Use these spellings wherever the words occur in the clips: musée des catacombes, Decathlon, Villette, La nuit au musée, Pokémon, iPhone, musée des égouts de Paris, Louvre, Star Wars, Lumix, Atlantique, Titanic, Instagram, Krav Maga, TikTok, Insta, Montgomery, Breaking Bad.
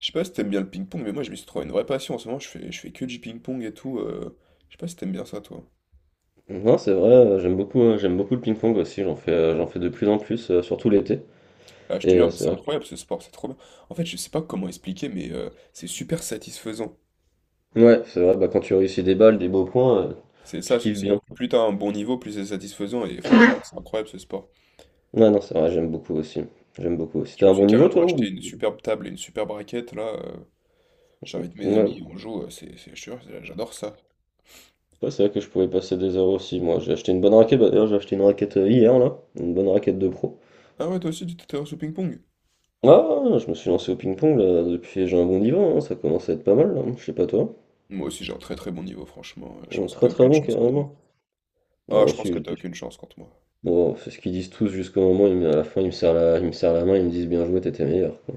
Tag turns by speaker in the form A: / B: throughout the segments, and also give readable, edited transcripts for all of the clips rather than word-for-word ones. A: Je sais pas si t'aimes bien le ping-pong, mais moi je m'y suis trouvé une vraie passion. En ce moment, je fais que du ping-pong et tout. Je sais pas si t'aimes bien ça, toi.
B: Non, c'est vrai, j'aime beaucoup le ping-pong aussi, j'en fais de plus en plus, surtout l'été.
A: Ah, je te
B: Et
A: jure, mais
B: c'est
A: c'est
B: vrai,
A: incroyable ce sport, c'est trop bien. En fait, je sais pas comment expliquer, mais c'est super satisfaisant.
B: ouais, c'est vrai, bah, quand tu réussis des balles, des beaux points,
A: C'est
B: tu
A: ça,
B: kiffes
A: c'est-
B: bien.
A: Plus t'as un bon niveau, plus c'est satisfaisant. Et franchement, c'est incroyable ce sport.
B: Ouais, non, c'est vrai, j'aime beaucoup aussi. J'aime beaucoup aussi.
A: Je
B: T'as
A: me
B: un
A: suis
B: bon niveau,
A: carrément
B: toi,
A: acheté
B: ou...
A: une superbe table et une superbe raquette. J'invite mes
B: Ouais,
A: amis, on joue. Je te jure, j'adore ça.
B: ouais, c'est vrai que je pouvais passer des heures aussi. Moi, j'ai acheté une bonne raquette, bah, d'ailleurs, j'ai acheté une raquette hier, là, une bonne raquette de pro.
A: Ah ouais, toi aussi, tu t'intéresses au ping-pong?
B: Ah, je me suis lancé au ping-pong, là, depuis, j'ai un bon niveau, hein, ça commence à être pas mal, là, je sais pas toi.
A: Moi aussi, j'ai un très très bon niveau, franchement. Je pense que t'as
B: Très très
A: aucune
B: bon,
A: chance contre moi.
B: carrément.
A: Ah,
B: Alors,
A: je
B: aussi.
A: pense que t'as aucune chance contre moi.
B: Bon, c'est ce qu'ils disent tous jusqu'au moment où à la fin, ils me serrent la main, ils me disent bien joué, t'étais meilleur, quoi.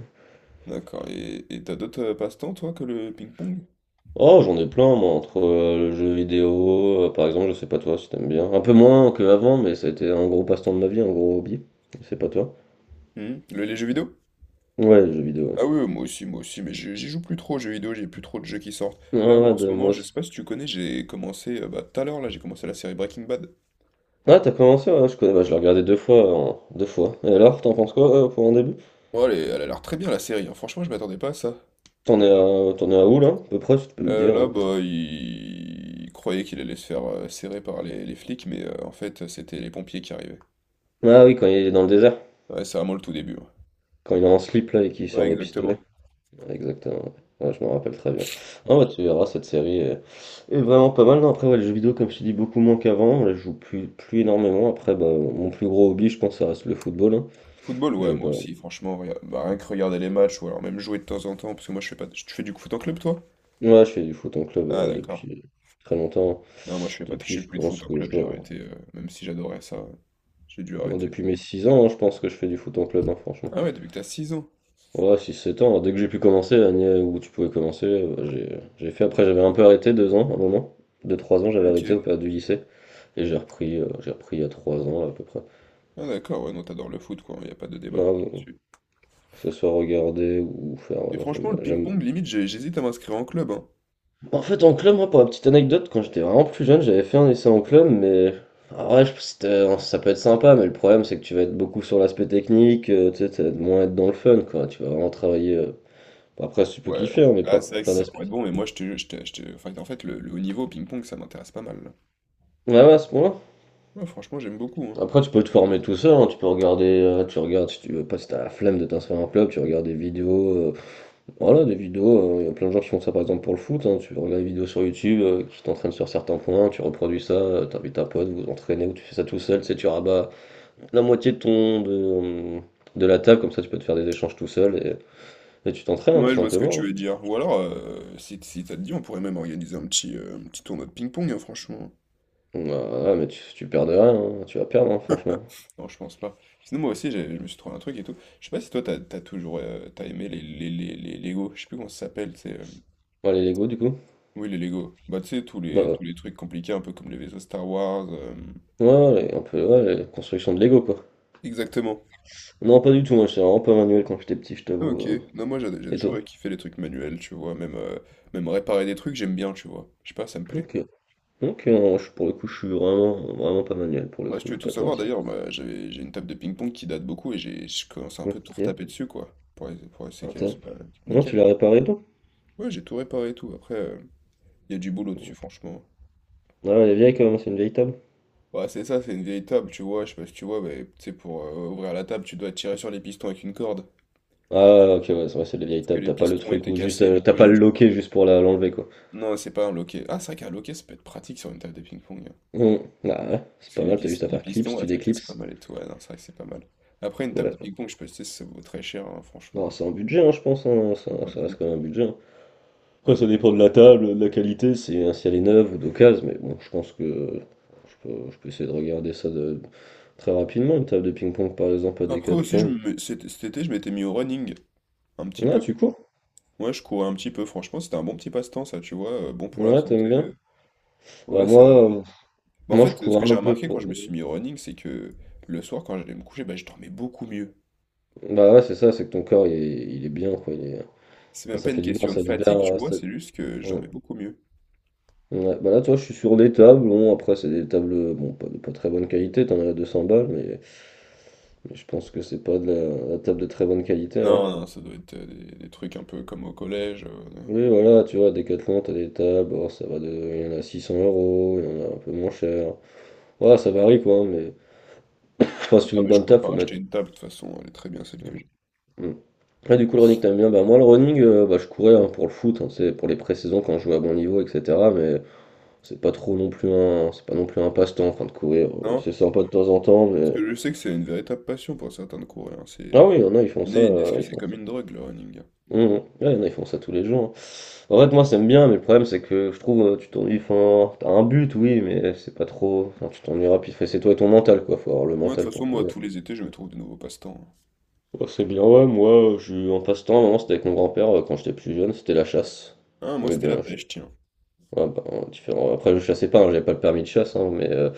A: D'accord. Et t'as d'autres passe-temps, toi, que le ping-pong?
B: Oh, j'en ai plein, moi, entre le jeu vidéo, par exemple, je sais pas toi si t'aimes bien. Un peu moins qu'avant, mais ça a été un gros passe-temps de ma vie, un gros hobby. Je sais pas toi.
A: Hmm. Les jeux vidéo?
B: Ouais, le jeu vidéo, ouais.
A: Ah oui, oui, moi aussi, mais j'y joue plus trop aux jeux vidéo, j'ai plus trop de jeux qui sortent.
B: Ah,
A: Là, moi,
B: ouais,
A: en ce
B: de
A: moment,
B: moi
A: je
B: aussi.
A: sais pas si tu connais, tout à l'heure, là, j'ai commencé la série Breaking Bad.
B: Ah, t'as commencé, ouais, je connais, bah, je l'ai regardé deux fois, deux fois. Et alors, t'en penses quoi, pour un début?
A: Bon, elle a l'air très bien, la série, hein. Franchement, je m'attendais pas à ça.
B: T'en es
A: J'adore.
B: à, t'en es à où, là? À peu près, si tu peux me dire,
A: Là,
B: hein.
A: il croyait qu'il allait se faire serrer par les flics, mais en fait, c'était les pompiers qui arrivaient.
B: Ah oui, quand il est dans le désert,
A: Ouais, c'est vraiment le tout début. Ouais,
B: quand il est en slip, là, et qu'il
A: ouais,
B: sort le pistolet.
A: exactement.
B: Exactement, ouais. Ouais, je m'en rappelle très bien. Non, bah, tu verras, cette série est vraiment pas mal. Non, après, ouais, les jeux vidéo, comme je te dis, beaucoup moins qu'avant. Là, je joue plus énormément. Après, bah, mon plus gros hobby, je pense, ça reste le football, hein.
A: Football,
B: Je
A: ouais,
B: vais
A: moi
B: pas...
A: aussi, franchement, rien que regarder les matchs, ou alors même jouer de temps en temps, parce que moi je fais pas... Tu fais du foot en club, toi?
B: Ouais, je fais du foot en club
A: Ah, d'accord.
B: depuis très longtemps.
A: Non, moi je fais pas... Je
B: Depuis,
A: fais
B: je
A: plus de foot
B: pense
A: en
B: que je
A: club, j'ai
B: dois...
A: arrêté, même si j'adorais ça, j'ai dû
B: Ouais,
A: arrêter.
B: depuis mes 6 ans, hein, je pense que je fais du foot en club, hein, franchement.
A: Ah ouais, depuis que t'as 6 ans.
B: Ouais, 6-7 ans, dès que j'ai pu commencer, l'année où tu pouvais commencer, j'ai fait. Après, j'avais un peu arrêté 2 ans, un moment. 2-3 ans, j'avais
A: Ok.
B: arrêté au période du lycée. Et j'ai repris il y a 3 ans, à peu près.
A: Ah d'accord, ouais, non, t'adores le foot, quoi, y a pas de débat
B: Non,
A: là-dessus.
B: que ce soit regarder ou faire.
A: Et
B: Ouais, non,
A: franchement,
B: j'aime,
A: le
B: j'aime...
A: ping-pong, limite, j'hésite à m'inscrire en club, hein.
B: En fait, en club, moi, pour la petite anecdote, quand j'étais vraiment plus jeune, j'avais fait un essai en club, mais. En vrai, hein, ça peut être sympa, mais le problème, c'est que tu vas être beaucoup sur l'aspect technique, tu sais, moins être dans le fun, quoi. Tu vas vraiment travailler. Après, si tu peux
A: Ouais.
B: kiffer, hein, mais
A: Ah,
B: plein,
A: c'est vrai que
B: plein
A: c'est
B: d'aspects.
A: pour être bon, mais moi, enfin, en fait, le haut niveau au ping-pong, ça m'intéresse pas mal, là.
B: Ouais, ouais, à ce point-là.
A: Ouais, franchement, j'aime beaucoup, hein.
B: Après, tu peux te former tout seul, hein, tu peux regarder, tu regardes, si tu veux pas, si t'as la flemme de t'inscrire à un club, tu regardes des vidéos, voilà, des vidéos, il y a plein de gens qui font ça par exemple pour le foot, hein, tu regardes des vidéos sur YouTube qui t'entraînent sur certains points, tu reproduis ça, t'invites un pote, vous vous entraînez ou tu fais ça tout seul, tu sais, tu rabats la moitié de ton, euh, de la table, comme ça tu peux te faire des échanges tout seul et tu t'entraînes, hein, tout
A: Ouais, je vois ce que
B: simplement,
A: tu
B: hein.
A: veux dire. Ou alors, si, si ça te dit, on pourrait même organiser un petit tournoi de ping-pong, hein, franchement.
B: Voilà, mais tu perds de rien, hein, tu vas perdre, hein, franchement.
A: Non, je pense pas. Sinon, moi aussi, je me suis trouvé un truc et tout. Je sais pas si toi, t'as toujours t'as aimé les Lego. Je sais plus comment ça s'appelle,
B: Ouais, les Lego du coup.
A: oui, les Lego. Bah, tu sais,
B: Ouais,
A: tous les trucs compliqués, un peu comme les vaisseaux Star Wars.
B: ouais, ouais, un peu, ouais, les constructions de Lego, quoi.
A: Exactement.
B: Non, pas du tout, moi j'étais vraiment pas manuel quand j'étais petit, je
A: Ah,
B: t'avoue.
A: ok. Non, moi, j'ai
B: Et toi?
A: toujours kiffé les trucs manuels, tu vois. Même réparer des trucs, j'aime bien, tu vois. Je sais pas, ça me plaît.
B: Ok. Ok, non, pour le coup, je suis vraiment, vraiment pas manuel, pour le
A: Moi, si
B: coup,
A: tu
B: je
A: veux
B: vais
A: tout
B: pas te
A: savoir,
B: mentir.
A: d'ailleurs, bah, j'ai une table de ping-pong qui date beaucoup et j'ai je commence à un peu tout
B: Ok.
A: retaper dessus, quoi, pour, pour essayer qu'elle
B: Attends.
A: soit
B: Non, tu
A: nickel.
B: l'as réparé toi?
A: Ouais, j'ai tout réparé et tout. Après, il y a du boulot dessus, franchement.
B: Ah, elle est vieille quand même, c'est une vieille table.
A: Ouais, c'est ça, c'est une vieille table, tu vois. Je sais pas si tu vois, mais tu sais, pour ouvrir la table, tu dois tirer sur les pistons avec une corde.
B: Ah, ouais, ouais, ok, ouais, c'est vrai, c'est des vieilles
A: Sauf que
B: tables,
A: les
B: t'as pas le
A: pistons
B: truc
A: étaient
B: ou juste,
A: cassés, du
B: t'as
A: coup,
B: pas
A: j'ai
B: le
A: dû.
B: loquet juste pour l'enlever, quoi.
A: Non, c'est pas un loquet. Ah, c'est vrai qu'un loquet, ça peut être pratique sur une table de ping-pong, hein.
B: Hum. Ah, ouais, c'est
A: Parce que
B: pas mal, t'as juste à
A: les
B: faire
A: pistons,
B: clips,
A: ouais,
B: tu
A: ça casse pas
B: déclipses.
A: mal et tout. Ouais, non, c'est vrai que c'est pas mal. Après, une table de
B: Ouais.
A: ping-pong, je peux te dire, ça vaut très cher, hein,
B: Non,
A: franchement.
B: c'est un budget, hein, je pense, hein,
A: Ça vaut
B: ça,
A: pas le
B: ça reste
A: coup.
B: quand même un budget, hein. Après, ça
A: Ouais.
B: dépend de la table, de la qualité, c'est, si elle est neuve ou d'occasion, mais bon, je pense que. Je peux essayer de regarder ça de, très rapidement, une table de ping-pong par exemple à
A: Après aussi,
B: Decathlon.
A: cet été, je m'étais mis au running un petit
B: Ouais,
A: peu.
B: tu cours?
A: Ouais, je courais un petit peu. Franchement, c'était un bon petit passe-temps, ça, tu vois. Bon pour la
B: Ouais,
A: santé.
B: t'aimes bien? Bah
A: Ouais, ça.
B: moi, euh,
A: Bah, en
B: moi je
A: fait, ce
B: cours
A: que j'ai
B: un peu
A: remarqué quand
B: pour.
A: je me suis mis au running, c'est que le soir, quand j'allais me coucher, bah, je dormais beaucoup mieux.
B: Bah ouais, c'est ça, c'est que ton corps il est bien, quoi.
A: C'est
B: Enfin,
A: même pas
B: ça fait
A: une
B: du bien,
A: question de
B: ça libère.
A: fatigue, tu vois, c'est juste que je
B: Ouais.
A: dormais beaucoup mieux.
B: Ouais, bah là, toi, je suis sur des tables. Bon, après, c'est des tables, bon, pas très bonne qualité. T'en as à 200 balles, mais je pense que c'est pas de la table de très bonne qualité, hein.
A: Non, non, ça doit être des trucs un peu comme au collège. Non.
B: Oui, voilà, tu vois, Decathlon, t'as des tables. Oh, il y en a 600 euros, il y en a un peu moins cher. Voilà, ça varie quoi, mais. Enfin, si tu veux
A: Non,
B: une
A: mais je
B: bonne
A: compte
B: table,
A: pas
B: faut
A: racheter
B: mettre.
A: une table, de toute façon, elle est très bien celle que j'ai.
B: Mm. Ouais, du coup, le running, t'aimes bien. Bah, moi, le running, bah, je courais hein, pour le foot, hein, c'est pour les pré-saisons quand je jouais à bon niveau, etc. Mais c'est pas non plus un passe-temps, enfin, de courir.
A: Non?
B: C'est sympa de temps en temps,
A: Parce
B: mais.
A: que je sais que c'est une véritable passion pour certains de courir, hein.
B: Ah
A: C'est...
B: oui, il y en a, ils font
A: il
B: ça,
A: y en a, ils disent
B: euh,
A: que
B: ils
A: c'est
B: font
A: comme
B: ça.
A: une drogue, le running.
B: Mm, mm. Ouais, il y en a, ils font ça tous les jours, hein. En fait, moi, ça me bien, mais le problème, c'est que je trouve, tu t'ennuies, enfin, t'as un but, oui, mais c'est pas trop. Enfin, tu t'ennuieras, puis c'est toi et ton mental, quoi. Faut avoir le
A: Moi, de
B: mental
A: toute façon,
B: pour
A: moi,
B: courir.
A: tous les étés, je me trouve de nouveaux passe-temps.
B: Ouais, c'est bien, ouais, moi, je suis en passe-temps, à un moment, c'était avec mon grand-père, quand j'étais plus jeune, c'était la chasse.
A: Hein, moi,
B: J'aimais
A: c'était
B: bien
A: la
B: la.
A: pêche, tiens.
B: Ouais, bah, en différent. Après, je chassais pas, hein, j'avais pas le permis de chasse, hein, mais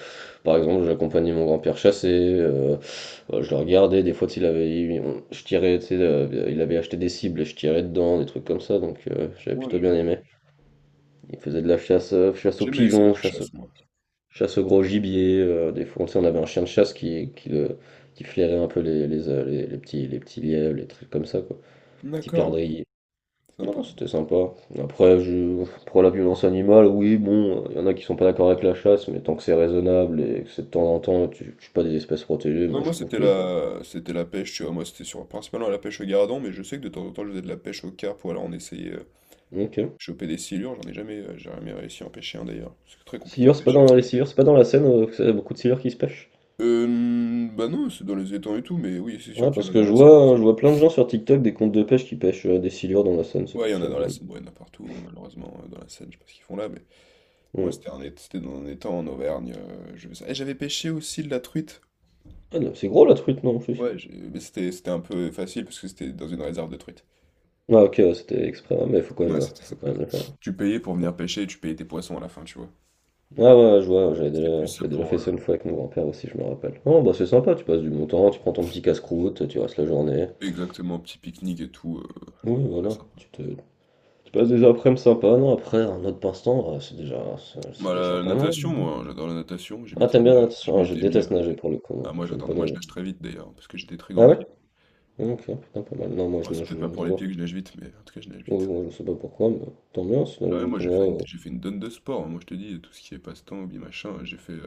B: par exemple, j'accompagnais mon grand-père chasser, euh, je le regardais, des fois, il avait, je tirais, tu sais, il avait acheté des cibles et je tirais dedans, des trucs comme ça, donc j'avais
A: Moi,
B: plutôt
A: je
B: bien
A: vois.
B: aimé. Il faisait de la chasse, chasse aux
A: J'aimais essayer
B: pigeons,
A: la chasse, moi.
B: chasse au gros gibier, des fois, tu sais, on avait un chien de chasse qui flairait un peu les petits lièvres, les trucs comme ça, quoi, petits
A: D'accord, ouais.
B: perdrix. Non, non,
A: Sympa.
B: c'était sympa. Après, je... pour la violence animale, oui, bon, il y en a qui sont pas d'accord avec la chasse, mais tant que c'est raisonnable et que c'est de temps en temps, tu tues pas des espèces protégées,
A: Non,
B: moi
A: moi,
B: je trouve qu'il y a.
A: c'était la pêche, tu vois. Moi, c'était sur... principalement la pêche au gardon, mais je sais que de temps en temps, je faisais de la pêche au carpe ou alors on essayait
B: Ok.
A: choper des silures. J'ai jamais réussi à en pêcher un, d'ailleurs. C'est très compliqué à
B: Scieur, c'est pas
A: pêcher,
B: dans
A: ça.
B: les scieurs, c'est pas dans la Seine, que c'est y a beaucoup de scieurs qui se pêchent.
A: Bah non, c'est dans les étangs et tout, mais oui, c'est sûr
B: Ouais,
A: qu'il y
B: parce
A: en a dans
B: que je
A: la Seine
B: vois, hein,
A: aussi.
B: je vois plein de gens sur TikTok des comptes de pêche qui pêchent des silures dans la Seine, c'est
A: Ouais, il
B: pour
A: y en
B: ça
A: a
B: que
A: dans
B: je
A: la
B: me dis.
A: Seine, ouais, il y en a partout, hein, malheureusement, dans la Seine, je sais pas ce qu'ils font là, mais... Moi,
B: Hmm.
A: c'était c'était dans un étang en Auvergne. Je faisais ça. Et j'avais pêché aussi de la truite.
B: Ah, non, c'est gros la truite, non, en plus.
A: Mais c'était un peu facile parce que c'était dans une réserve de truite.
B: Ah, ok, ouais, c'était exprès, ouais, mais
A: Ouais, c'était ça.
B: faut quand même le faire.
A: Tu payais pour
B: Bon.
A: venir pêcher et tu payais tes poissons à la fin, tu vois.
B: Ouais, ouais, ouais, je vois, j'avais
A: C'était
B: déjà,
A: plus
B: j'avais déjà
A: pour
B: fait ça une fois avec mon grand-père aussi, je me rappelle. Oh, bah c'est sympa, tu passes du bon temps, tu prends ton petit casse-croûte, tu restes la journée.
A: exactement petit pique-nique et tout.
B: Oui,
A: Très
B: voilà,
A: sympa.
B: tu passes des après-midi sympas, non, après, un autre passe-temps, c'est déjà, c'est c'est
A: Bah,
B: déjà
A: la
B: pas mal,
A: natation,
B: hein.
A: moi, hein, j'adore la natation.
B: Ah, t'aimes bien, nager?
A: Je
B: Ah, je
A: m'étais mis.
B: déteste nager pour le coup,
A: Ah,
B: moi,
A: moi,
B: j'aime
A: j'adore.
B: pas
A: Moi, je
B: nager.
A: nage très vite d'ailleurs parce que j'ai des très
B: Ah
A: grands
B: ouais?
A: pieds.
B: Ok, putain, pas mal. Non, moi,
A: Bon,
B: je,
A: c'est
B: nage,
A: peut-être pas pour
B: je
A: les
B: vois.
A: pieds que je nage vite, mais en tout cas, je nage
B: Oui,
A: vite.
B: moi, je sais pas pourquoi, mais tant mieux,
A: Ah
B: sinon,
A: ouais, moi
B: juste moi,
A: j'ai fait une donne de sport, hein. Moi je te dis, tout ce qui est passe-temps, hobby, machin, j'ai fait,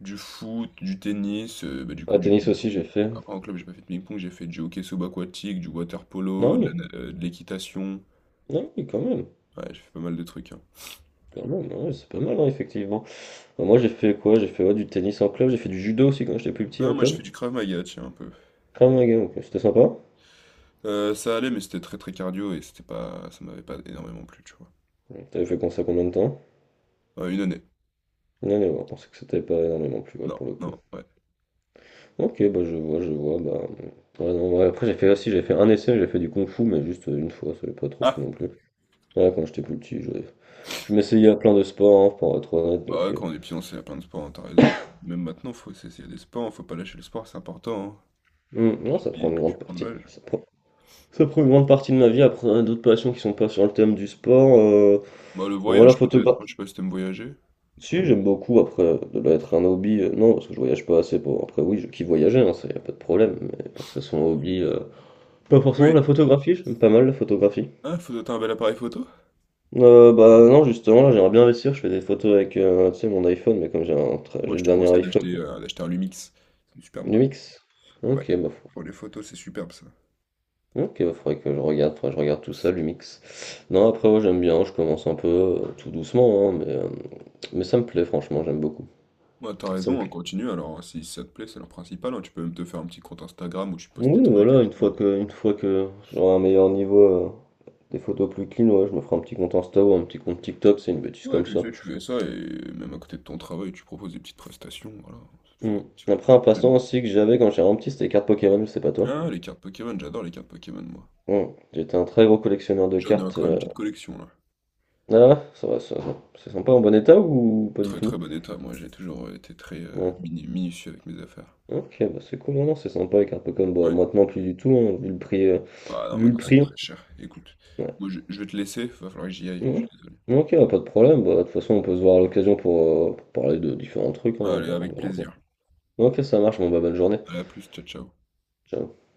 A: du foot, du tennis, bah, du
B: Ah,
A: coup, du
B: tennis aussi,
A: ping-pong.
B: j'ai fait.
A: Après en club, j'ai pas fait de ping-pong, j'ai fait du hockey subaquatique, du water-polo,
B: Non,
A: de la
B: oui,
A: na de l'équitation.
B: non, oui,
A: Ouais, j'ai fait pas mal de trucs, hein.
B: quand même, ouais, c'est pas mal, hein, effectivement. Bah, moi j'ai fait quoi? J'ai fait ouais, du tennis en club, j'ai fait du judo aussi quand j'étais plus petit
A: Non,
B: en
A: moi, je
B: club.
A: fais du Krav Maga, tiens, un peu.
B: Ah mon gars, ok, c'était sympa.
A: Ça allait, mais c'était très, très cardio et c'était pas ça m'avait pas énormément plu, tu vois?
B: Ouais, t'avais fait comme ça combien de temps?
A: 1 année.
B: Non, on pensait que c'était pas énormément plus ouais,
A: Non,
B: pour le coup.
A: non, ouais.
B: Ok, bah je vois, bah. Ouais, non, ouais, après j'ai fait aussi, j'ai fait un essai, j'ai fait du kung fu, mais juste une fois, ça n'avait pas trop
A: Ah!
B: plu non plus. Ouais, quand j'étais plus petit, je m'essayais à plein de sports, hein, pour être honnête,
A: Bah,
B: donc.
A: ouais, quand on est fiancé, il y a plein de sports, hein, tu raison. Même maintenant, faut s'essayer des sports, hein, faut pas lâcher le sport, c'est important, hein.
B: Hum, non,
A: Tu
B: ça
A: vis,
B: prend une
A: plus tu
B: grande
A: prends de
B: partie.
A: l'âge.
B: Ça prend une grande partie de ma vie, après d'autres passions qui sont pas sur le thème du sport.
A: Bah, le
B: Voilà,
A: voyage peut-être,
B: photographe.
A: hein, je sais pas si t'aimes voyager?
B: Si, j'aime beaucoup, après, ça doit être un hobby, non, parce que je voyage pas assez pour... Après, oui, je kiffe voyager, hein, ça, y a pas de problème, mais pour que ça soit un hobby... Pas forcément
A: Oui.
B: la photographie, j'aime pas mal la photographie.
A: Ah, faut toi un bel appareil photo?
B: Bah non, justement, là, j'aimerais bien investir, je fais des photos avec, tu sais, mon iPhone, mais comme j'ai
A: Moi,
B: j'ai le
A: je te
B: dernier
A: conseille
B: iPhone,
A: d'acheter un Lumix. C'est une super marque.
B: Lumix.
A: Ouais.
B: Ok, bah,
A: Pour les photos, c'est superbe ça.
B: ok, bah, faudrait que je regarde, faudrait que je regarde tout ça, Lumix. Non, après, ouais, j'aime bien, je commence un peu, tout doucement, hein, mais ça me plaît, franchement, j'aime beaucoup.
A: Ouais, t'as
B: Ça me
A: raison, on
B: plaît.
A: continue. Alors, hein, si ça te plaît, c'est leur principal, hein. Tu peux même te faire un petit compte Instagram où tu postes tes
B: Oui,
A: trucs et
B: voilà, une
A: tout.
B: fois que, une fois que j'aurai un meilleur niveau, des photos plus clean, ouais, je me ferai un petit compte Insta ou un petit compte TikTok, c'est une bêtise
A: Ouais,
B: comme
A: tu
B: ça.
A: sais, tu fais ça et même à côté de ton travail, tu proposes des petites prestations. Voilà, ça te fait
B: Hmm. Après,
A: petit
B: un passe-temps
A: complément.
B: aussi que j'avais quand j'étais vraiment petit, c'était les cartes Pokémon, je sais pas toi.
A: Ah, les cartes Pokémon, j'adore les cartes Pokémon, moi.
B: Hmm. J'étais un très gros collectionneur de
A: J'en ai
B: cartes.
A: encore une petite collection là.
B: Ah, ça va, ça va. C'est sympa en bon état ou pas du
A: Très très
B: tout?
A: bon état, moi j'ai toujours été
B: Ouais.
A: minutieux avec mes affaires.
B: Ok, bah c'est cool, non, non, c'est sympa les cartes Pokémon. Bon,
A: Ouais,
B: maintenant plus du tout, hein, vu le prix, euh,
A: ah non,
B: vu le
A: maintenant c'est
B: prix.
A: très cher. Écoute,
B: Ouais.
A: je vais te laisser, va falloir que j'y aille, je suis
B: Ouais.
A: désolé.
B: Ok, bah, pas de problème. Bah, de toute façon, on peut se voir à l'occasion pour parler de différents trucs, hein.
A: Allez,
B: On
A: avec
B: verra.
A: plaisir.
B: Ok, ça marche, bon bah bonne journée.
A: Allez, à plus, ciao, ciao.
B: Ciao.